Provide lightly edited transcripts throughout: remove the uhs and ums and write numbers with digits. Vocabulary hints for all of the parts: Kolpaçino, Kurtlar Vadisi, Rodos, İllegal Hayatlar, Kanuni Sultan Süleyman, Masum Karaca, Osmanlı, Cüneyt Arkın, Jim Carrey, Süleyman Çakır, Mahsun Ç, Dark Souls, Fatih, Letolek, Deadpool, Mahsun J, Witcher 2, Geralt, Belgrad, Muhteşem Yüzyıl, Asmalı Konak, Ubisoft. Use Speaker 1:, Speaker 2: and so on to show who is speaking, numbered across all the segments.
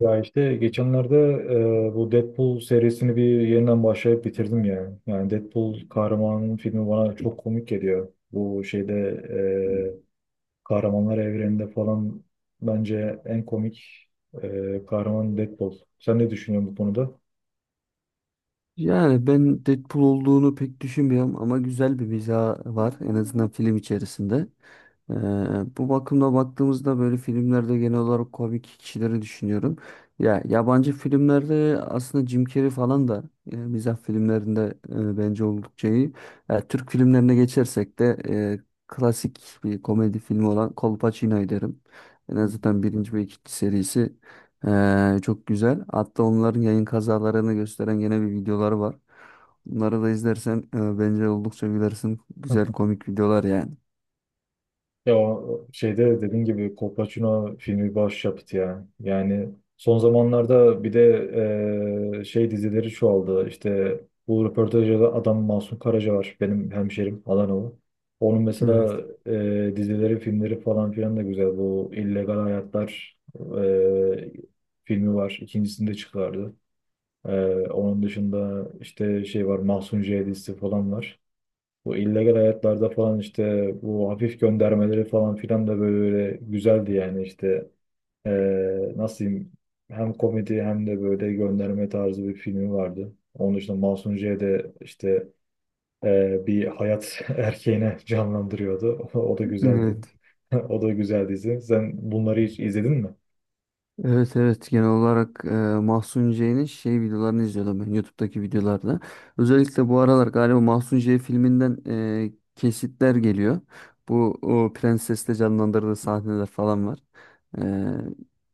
Speaker 1: Ya işte geçenlerde bu Deadpool serisini bir yeniden başlayıp bitirdim yani. Yani Deadpool kahramanın filmi bana çok komik geliyor. Bu şeyde e, kahramanlar evreninde falan bence en komik kahraman Deadpool. Sen ne düşünüyorsun bu konuda?
Speaker 2: Yani ben Deadpool olduğunu pek düşünmüyorum ama güzel bir mizah var en azından film içerisinde. Ee, Bu bakımda baktığımızda böyle filmlerde genel olarak komik kişileri düşünüyorum. Ya yabancı filmlerde aslında Jim Carrey falan da mizah filmlerinde bence oldukça iyi. Ya, Türk filmlerine geçersek de klasik bir komedi filmi olan Kolpaçino'yu derim. En azından birinci ve ikinci serisi çok güzel. Hatta onların yayın kazalarını gösteren gene bir videoları var. Bunları da izlersen bence oldukça gülersin. Güzel komik videolar yani.
Speaker 1: Ya o şeyde dediğim gibi Kolpaçino filmi başyapıt ya. Yani son zamanlarda bir de şey dizileri çoğaldı. İşte bu röportajda adam Masum Karaca var. Benim hemşerim Adanalı. Onun
Speaker 2: Evet.
Speaker 1: mesela dizileri, filmleri falan filan da güzel. Bu İllegal Hayatlar eee, filmi var. İkincisini de çıkardı. Onun dışında işte şey var Mahsun J dizisi falan var. Bu illegal hayatlarda falan işte bu hafif göndermeleri falan filan da böyle güzeldi yani işte nasıl diyeyim hem komedi hem de böyle gönderme tarzı bir filmi vardı. Onun dışında Mahsun J de işte bir hayat erkeğine canlandırıyordu. O da güzeldi.
Speaker 2: Evet.
Speaker 1: O da güzel dizi. Sen bunları hiç izledin mi?
Speaker 2: Evet evet genel olarak Mahsun C'nin şey videolarını izliyordum ben YouTube'daki videolarda. Özellikle bu aralar galiba Mahsun Ç filminden kesitler geliyor. Bu o prensesle canlandırdığı sahneler falan var. E,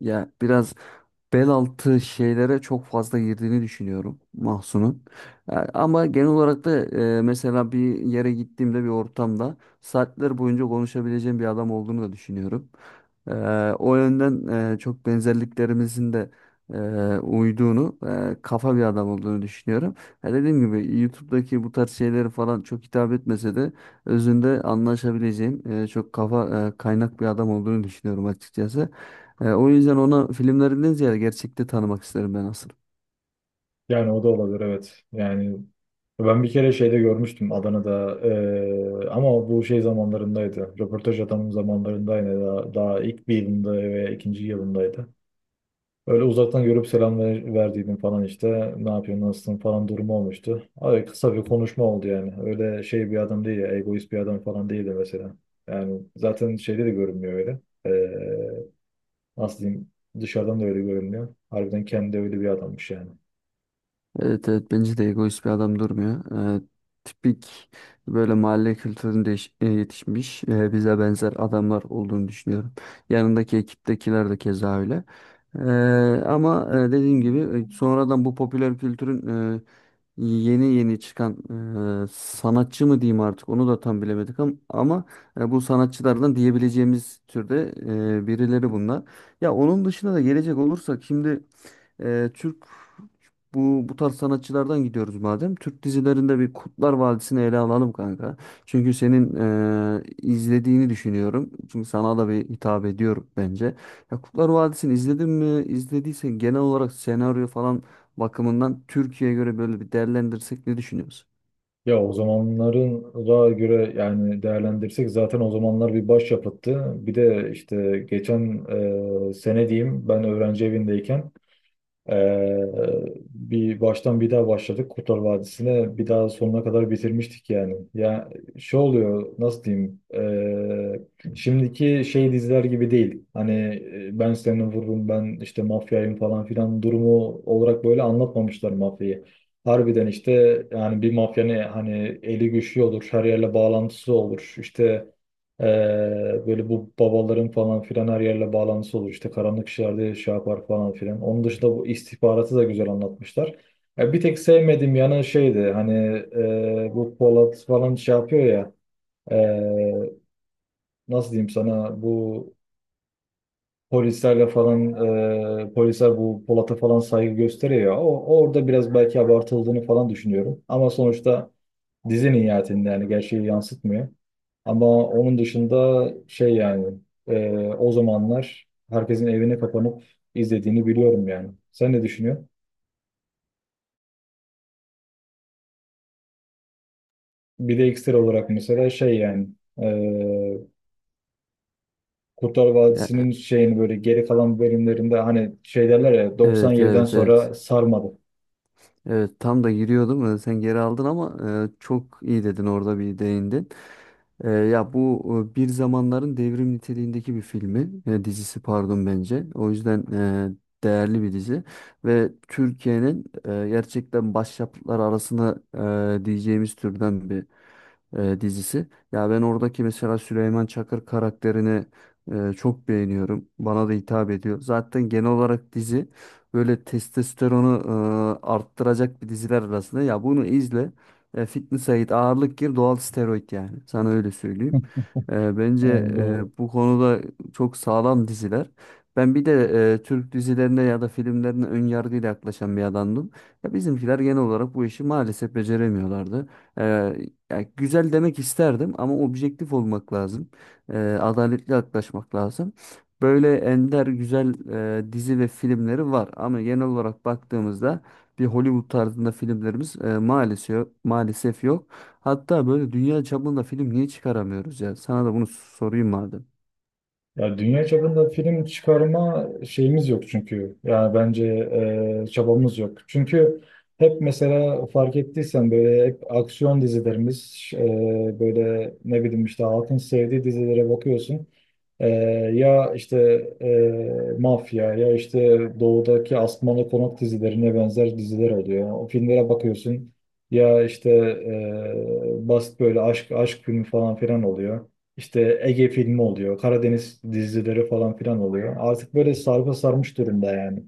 Speaker 2: Ya biraz bel altı şeylere çok fazla girdiğini düşünüyorum Mahsun'un. Ama genel olarak da mesela bir yere gittiğimde bir ortamda saatler boyunca konuşabileceğim bir adam olduğunu da düşünüyorum. E, O yönden çok benzerliklerimizin de uyduğunu, kafa bir adam olduğunu düşünüyorum. Ya dediğim gibi YouTube'daki bu tarz şeyleri falan çok hitap etmese de özünde anlaşabileceğim çok kafa kaynak bir adam olduğunu düşünüyorum açıkçası. O yüzden ona filmlerinden ziyade gerçekte tanımak isterim ben aslında.
Speaker 1: Yani o da olabilir, evet. Yani ben bir kere şeyde görmüştüm Adana'da ama bu şey zamanlarındaydı. Röportaj adamın zamanlarındaydı. Daha ilk bir yılında veya ikinci yılındaydı. Öyle uzaktan görüp selam verdiydim falan işte. Ne yapıyorsun nasılsın falan durumu olmuştu. Abi kısa bir konuşma oldu yani. Öyle şey bir adam değil ya, egoist bir adam falan değildi mesela. Yani zaten şeyde de görünmüyor öyle. Eee Nasıl diyeyim, dışarıdan da öyle görünmüyor. Harbiden kendi öyle bir adammış yani.
Speaker 2: Evet evet bence de egoist bir adam durmuyor. Ee, Tipik böyle mahalle kültüründe yetişmiş bize benzer adamlar olduğunu düşünüyorum. Yanındaki ekiptekiler de keza öyle. Ee, Ama dediğim gibi sonradan bu popüler kültürün e, yeni yeni çıkan sanatçı mı diyeyim artık onu da tam bilemedik ama bu sanatçılardan diyebileceğimiz türde birileri bunlar. Ya onun dışında da gelecek olursak şimdi Türk bu tarz sanatçılardan gidiyoruz madem. Türk dizilerinde bir Kurtlar Vadisi'ni ele alalım kanka. Çünkü senin izlediğini düşünüyorum. Çünkü sana da bir hitap ediyorum bence. Ya Kurtlar Vadisi'ni izledin mi? İzlediysen genel olarak senaryo falan bakımından Türkiye'ye göre böyle bir değerlendirsek ne düşünüyorsun?
Speaker 1: Ya o zamanların da göre yani değerlendirsek zaten o zamanlar bir başyapıttı. Bir de işte geçen sene diyeyim, ben öğrenci evindeyken Ee, bir baştan bir daha başladık Kurtlar Vadisi'ne, bir daha sonuna kadar bitirmiştik yani. Ya şey oluyor, nasıl diyeyim, şimdiki şey diziler gibi değil. Hani ben seni vururum, ben işte mafyayım falan filan durumu olarak böyle anlatmamışlar mafyayı. Harbiden işte yani bir mafyanın hani eli güçlü olur, her yerle bağlantısı olur, işte ee, böyle bu babaların falan filan her yerle bağlantısı olur. İşte karanlık işlerde şey yapar falan filan. Onun dışında bu istihbaratı da güzel anlatmışlar. Ya bir tek sevmediğim yanı şeydi, hani bu Polat falan şey yapıyor ya, e, nasıl diyeyim sana, bu polislerle falan polisler bu Polat'a falan saygı gösteriyor. Orada biraz belki abartıldığını falan düşünüyorum. Ama sonuçta dizinin nihayetinde yani gerçeği yansıtmıyor. Ama onun dışında şey yani, e, o zamanlar herkesin evine kapanıp izlediğini biliyorum yani. Sen ne düşünüyorsun? Bir de ekstra olarak mesela şey yani, e, Kurtlar
Speaker 2: Ya,
Speaker 1: Vadisi'nin şeyini, böyle geri kalan bölümlerinde, hani şey derler ya,
Speaker 2: evet
Speaker 1: 97'den
Speaker 2: evet evet.
Speaker 1: sonra sarmadı.
Speaker 2: Evet tam da giriyordum. Sen geri aldın ama çok iyi dedin orada bir değindin. Ya bu bir zamanların devrim niteliğindeki bir filmi, dizisi pardon bence. O yüzden değerli bir dizi ve Türkiye'nin gerçekten başyapıtları arasında diyeceğimiz türden bir dizisi. Ya ben oradaki mesela Süleyman Çakır karakterini çok beğeniyorum. Bana da hitap ediyor. Zaten genel olarak dizi böyle testosteronu arttıracak bir diziler arasında. Ya bunu izle. Fitness'a git, ağırlık gir, doğal steroid yani. Sana öyle söyleyeyim. Bence
Speaker 1: Yani doğru.
Speaker 2: bu konuda çok sağlam diziler. Ben bir de Türk dizilerine ya da filmlerine ön yargıyla yaklaşan bir adamdım. Ya bizimkiler genel olarak bu işi maalesef beceremiyorlardı. E, Ya güzel demek isterdim ama objektif olmak lazım. Adaletli yaklaşmak lazım. Böyle ender güzel dizi ve filmleri var ama genel olarak baktığımızda bir Hollywood tarzında filmlerimiz maalesef maalesef yok. Hatta böyle dünya çapında film niye çıkaramıyoruz ya? Sana da bunu sorayım madem.
Speaker 1: Ya dünya çapında film çıkarma şeyimiz yok çünkü. Yani bence çabamız yok. Çünkü hep mesela fark ettiysen böyle hep aksiyon dizilerimiz, böyle ne bileyim işte halkın sevdiği dizilere bakıyorsun. E, Ya işte mafya ya işte doğudaki Asmalı Konak dizilerine benzer diziler oluyor. O filmlere bakıyorsun, ya işte basit böyle aşk filmi falan filan oluyor. İşte Ege filmi oluyor, Karadeniz dizileri falan filan oluyor. Artık böyle sarpa sarmış durumda yani.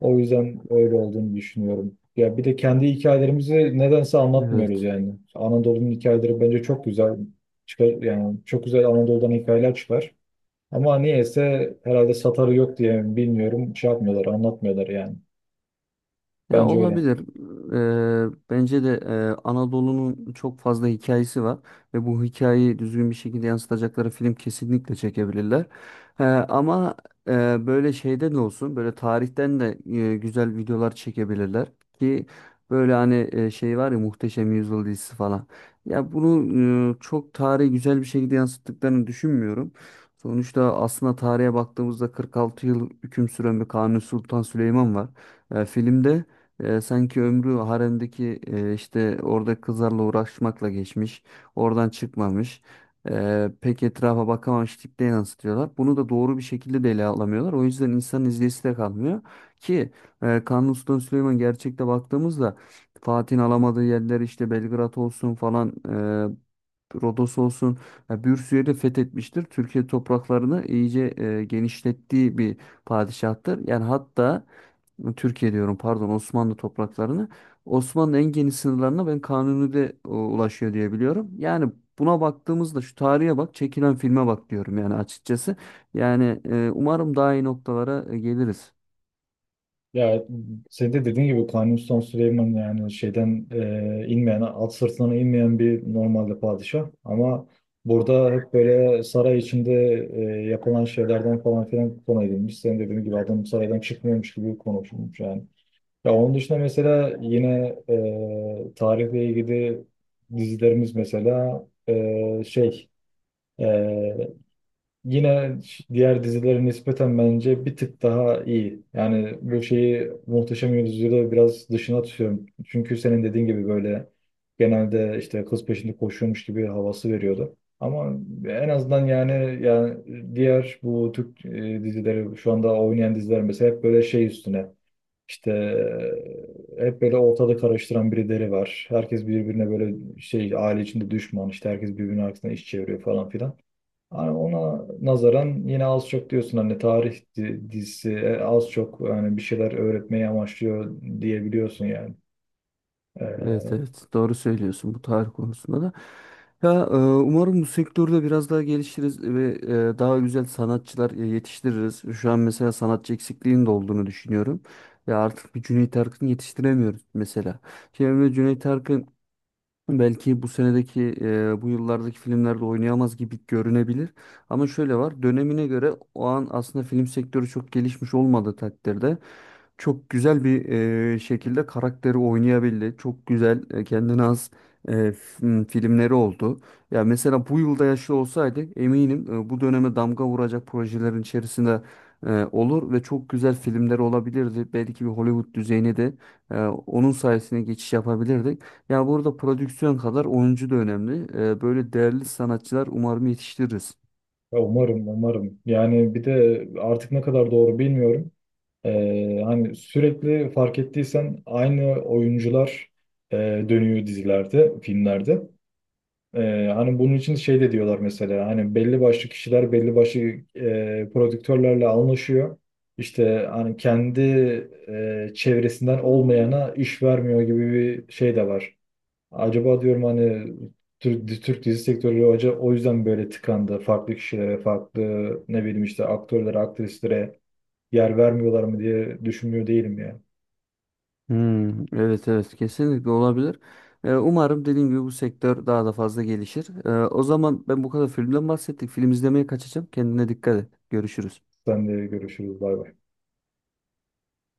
Speaker 1: O yüzden öyle olduğunu düşünüyorum. Ya bir de kendi hikayelerimizi nedense anlatmıyoruz
Speaker 2: Evet.
Speaker 1: yani. Anadolu'nun hikayeleri bence çok güzel çıkar yani, çok güzel Anadolu'dan hikayeler çıkar. Ama niyeyse herhalde satarı yok diye mi bilmiyorum, şey yapmıyorlar, anlatmıyorlar yani.
Speaker 2: Ya
Speaker 1: Bence öyle.
Speaker 2: olabilir. Bence de Anadolu'nun çok fazla hikayesi var ve bu hikayeyi düzgün bir şekilde yansıtacakları film kesinlikle çekebilirler. Ama eee, böyle şeyden de olsun, böyle tarihten de güzel videolar çekebilirler ki böyle hani şey var ya Muhteşem Yüzyıl dizisi falan. Ya bunu çok tarihi güzel bir şekilde yansıttıklarını düşünmüyorum. Sonuçta aslında tarihe baktığımızda 46 yıl hüküm süren bir Kanuni Sultan Süleyman var. Filmde sanki ömrü haremdeki işte orada kızlarla uğraşmakla geçmiş. Oradan çıkmamış. Pek etrafa bakamamış tipte yansıtıyorlar. Bunu da doğru bir şekilde de ele alamıyorlar. O yüzden insanın izleyisi de kalmıyor. Ki Kanuni Sultan Süleyman gerçekte baktığımızda Fatih'in alamadığı yerler işte Belgrad olsun falan Rodos olsun ya bir sürü yeri fethetmiştir. Türkiye topraklarını iyice genişlettiği bir padişahtır. Yani hatta Türkiye diyorum pardon Osmanlı topraklarını Osmanlı en geniş sınırlarına ben Kanuni'de ulaşıyor diye biliyorum. Yani buna baktığımızda şu tarihe bak çekilen filme bak diyorum yani açıkçası. Yani umarım daha iyi noktalara geliriz.
Speaker 1: Ya senin de dediğin gibi Kanuni Sultan Süleyman yani şeyden inmeyen, at sırtına inmeyen bir normalde padişah. Ama burada hep böyle saray içinde e, yapılan şeylerden falan filan konu edilmiş. Senin dediğin gibi adam saraydan çıkmıyormuş gibi konuşulmuş yani. Ya onun dışında mesela yine tarihle ilgili dizilerimiz mesela şey, yine diğer dizilere nispeten bence bir tık daha iyi. Yani bu şeyi, Muhteşem Yüzyıl'ı biraz dışına tutuyorum. Çünkü senin dediğin gibi böyle genelde işte kız peşinde koşuyormuş gibi havası veriyordu. Ama en azından yani diğer bu Türk dizileri, şu anda oynayan diziler mesela, hep böyle şey üstüne işte hep böyle ortada karıştıran birileri var. Herkes birbirine böyle şey, aile içinde düşman işte, herkes birbirinin arkasından iş çeviriyor falan filan. Yani ona nazaran yine az çok diyorsun hani tarih dizisi az çok yani bir şeyler öğretmeyi amaçlıyor diyebiliyorsun yani.
Speaker 2: Evet
Speaker 1: Ee,
Speaker 2: evet doğru söylüyorsun bu tarih konusunda da. Ya umarım bu sektörde biraz daha gelişiriz ve daha güzel sanatçılar yetiştiririz. Şu an mesela sanatçı eksikliğinin de olduğunu düşünüyorum. Ve artık bir Cüneyt Arkın yetiştiremiyoruz mesela. Şimdi Cüneyt Arkın belki bu senedeki bu yıllardaki filmlerde oynayamaz gibi görünebilir. Ama şöyle var dönemine göre o an aslında film sektörü çok gelişmiş olmadığı takdirde çok güzel bir şekilde karakteri oynayabildi. Çok güzel kendine has filmleri oldu. Ya mesela bu yılda yaşlı olsaydı eminim bu döneme damga vuracak projelerin içerisinde olur ve çok güzel filmler olabilirdi. Belki bir Hollywood düzeyine de onun sayesinde geçiş yapabilirdik. Ya burada prodüksiyon kadar oyuncu da önemli. Böyle değerli sanatçılar umarım yetiştiririz.
Speaker 1: Umarım umarım. Yani bir de artık ne kadar doğru bilmiyorum. Hani sürekli fark ettiysen aynı oyuncular e, dönüyor dizilerde, filmlerde. Hani bunun için şey de diyorlar, mesela hani belli başlı kişiler belli başlı prodüktörlerle anlaşıyor. İşte hani kendi çevresinden olmayana iş vermiyor gibi bir şey de var. Acaba diyorum hani Türk dizi sektörü hoca o yüzden böyle tıkandı. Farklı kişilere, farklı ne bileyim işte aktörlere, aktrislere yer vermiyorlar mı diye düşünmüyor değilim ya.
Speaker 2: Hmm, evet evet kesinlikle olabilir. Umarım dediğim gibi bu sektör daha da fazla gelişir. O zaman ben bu kadar filmden bahsettik. Film izlemeye kaçacağım. Kendine dikkat et. Görüşürüz.
Speaker 1: Sen de görüşürüz. Bay bay.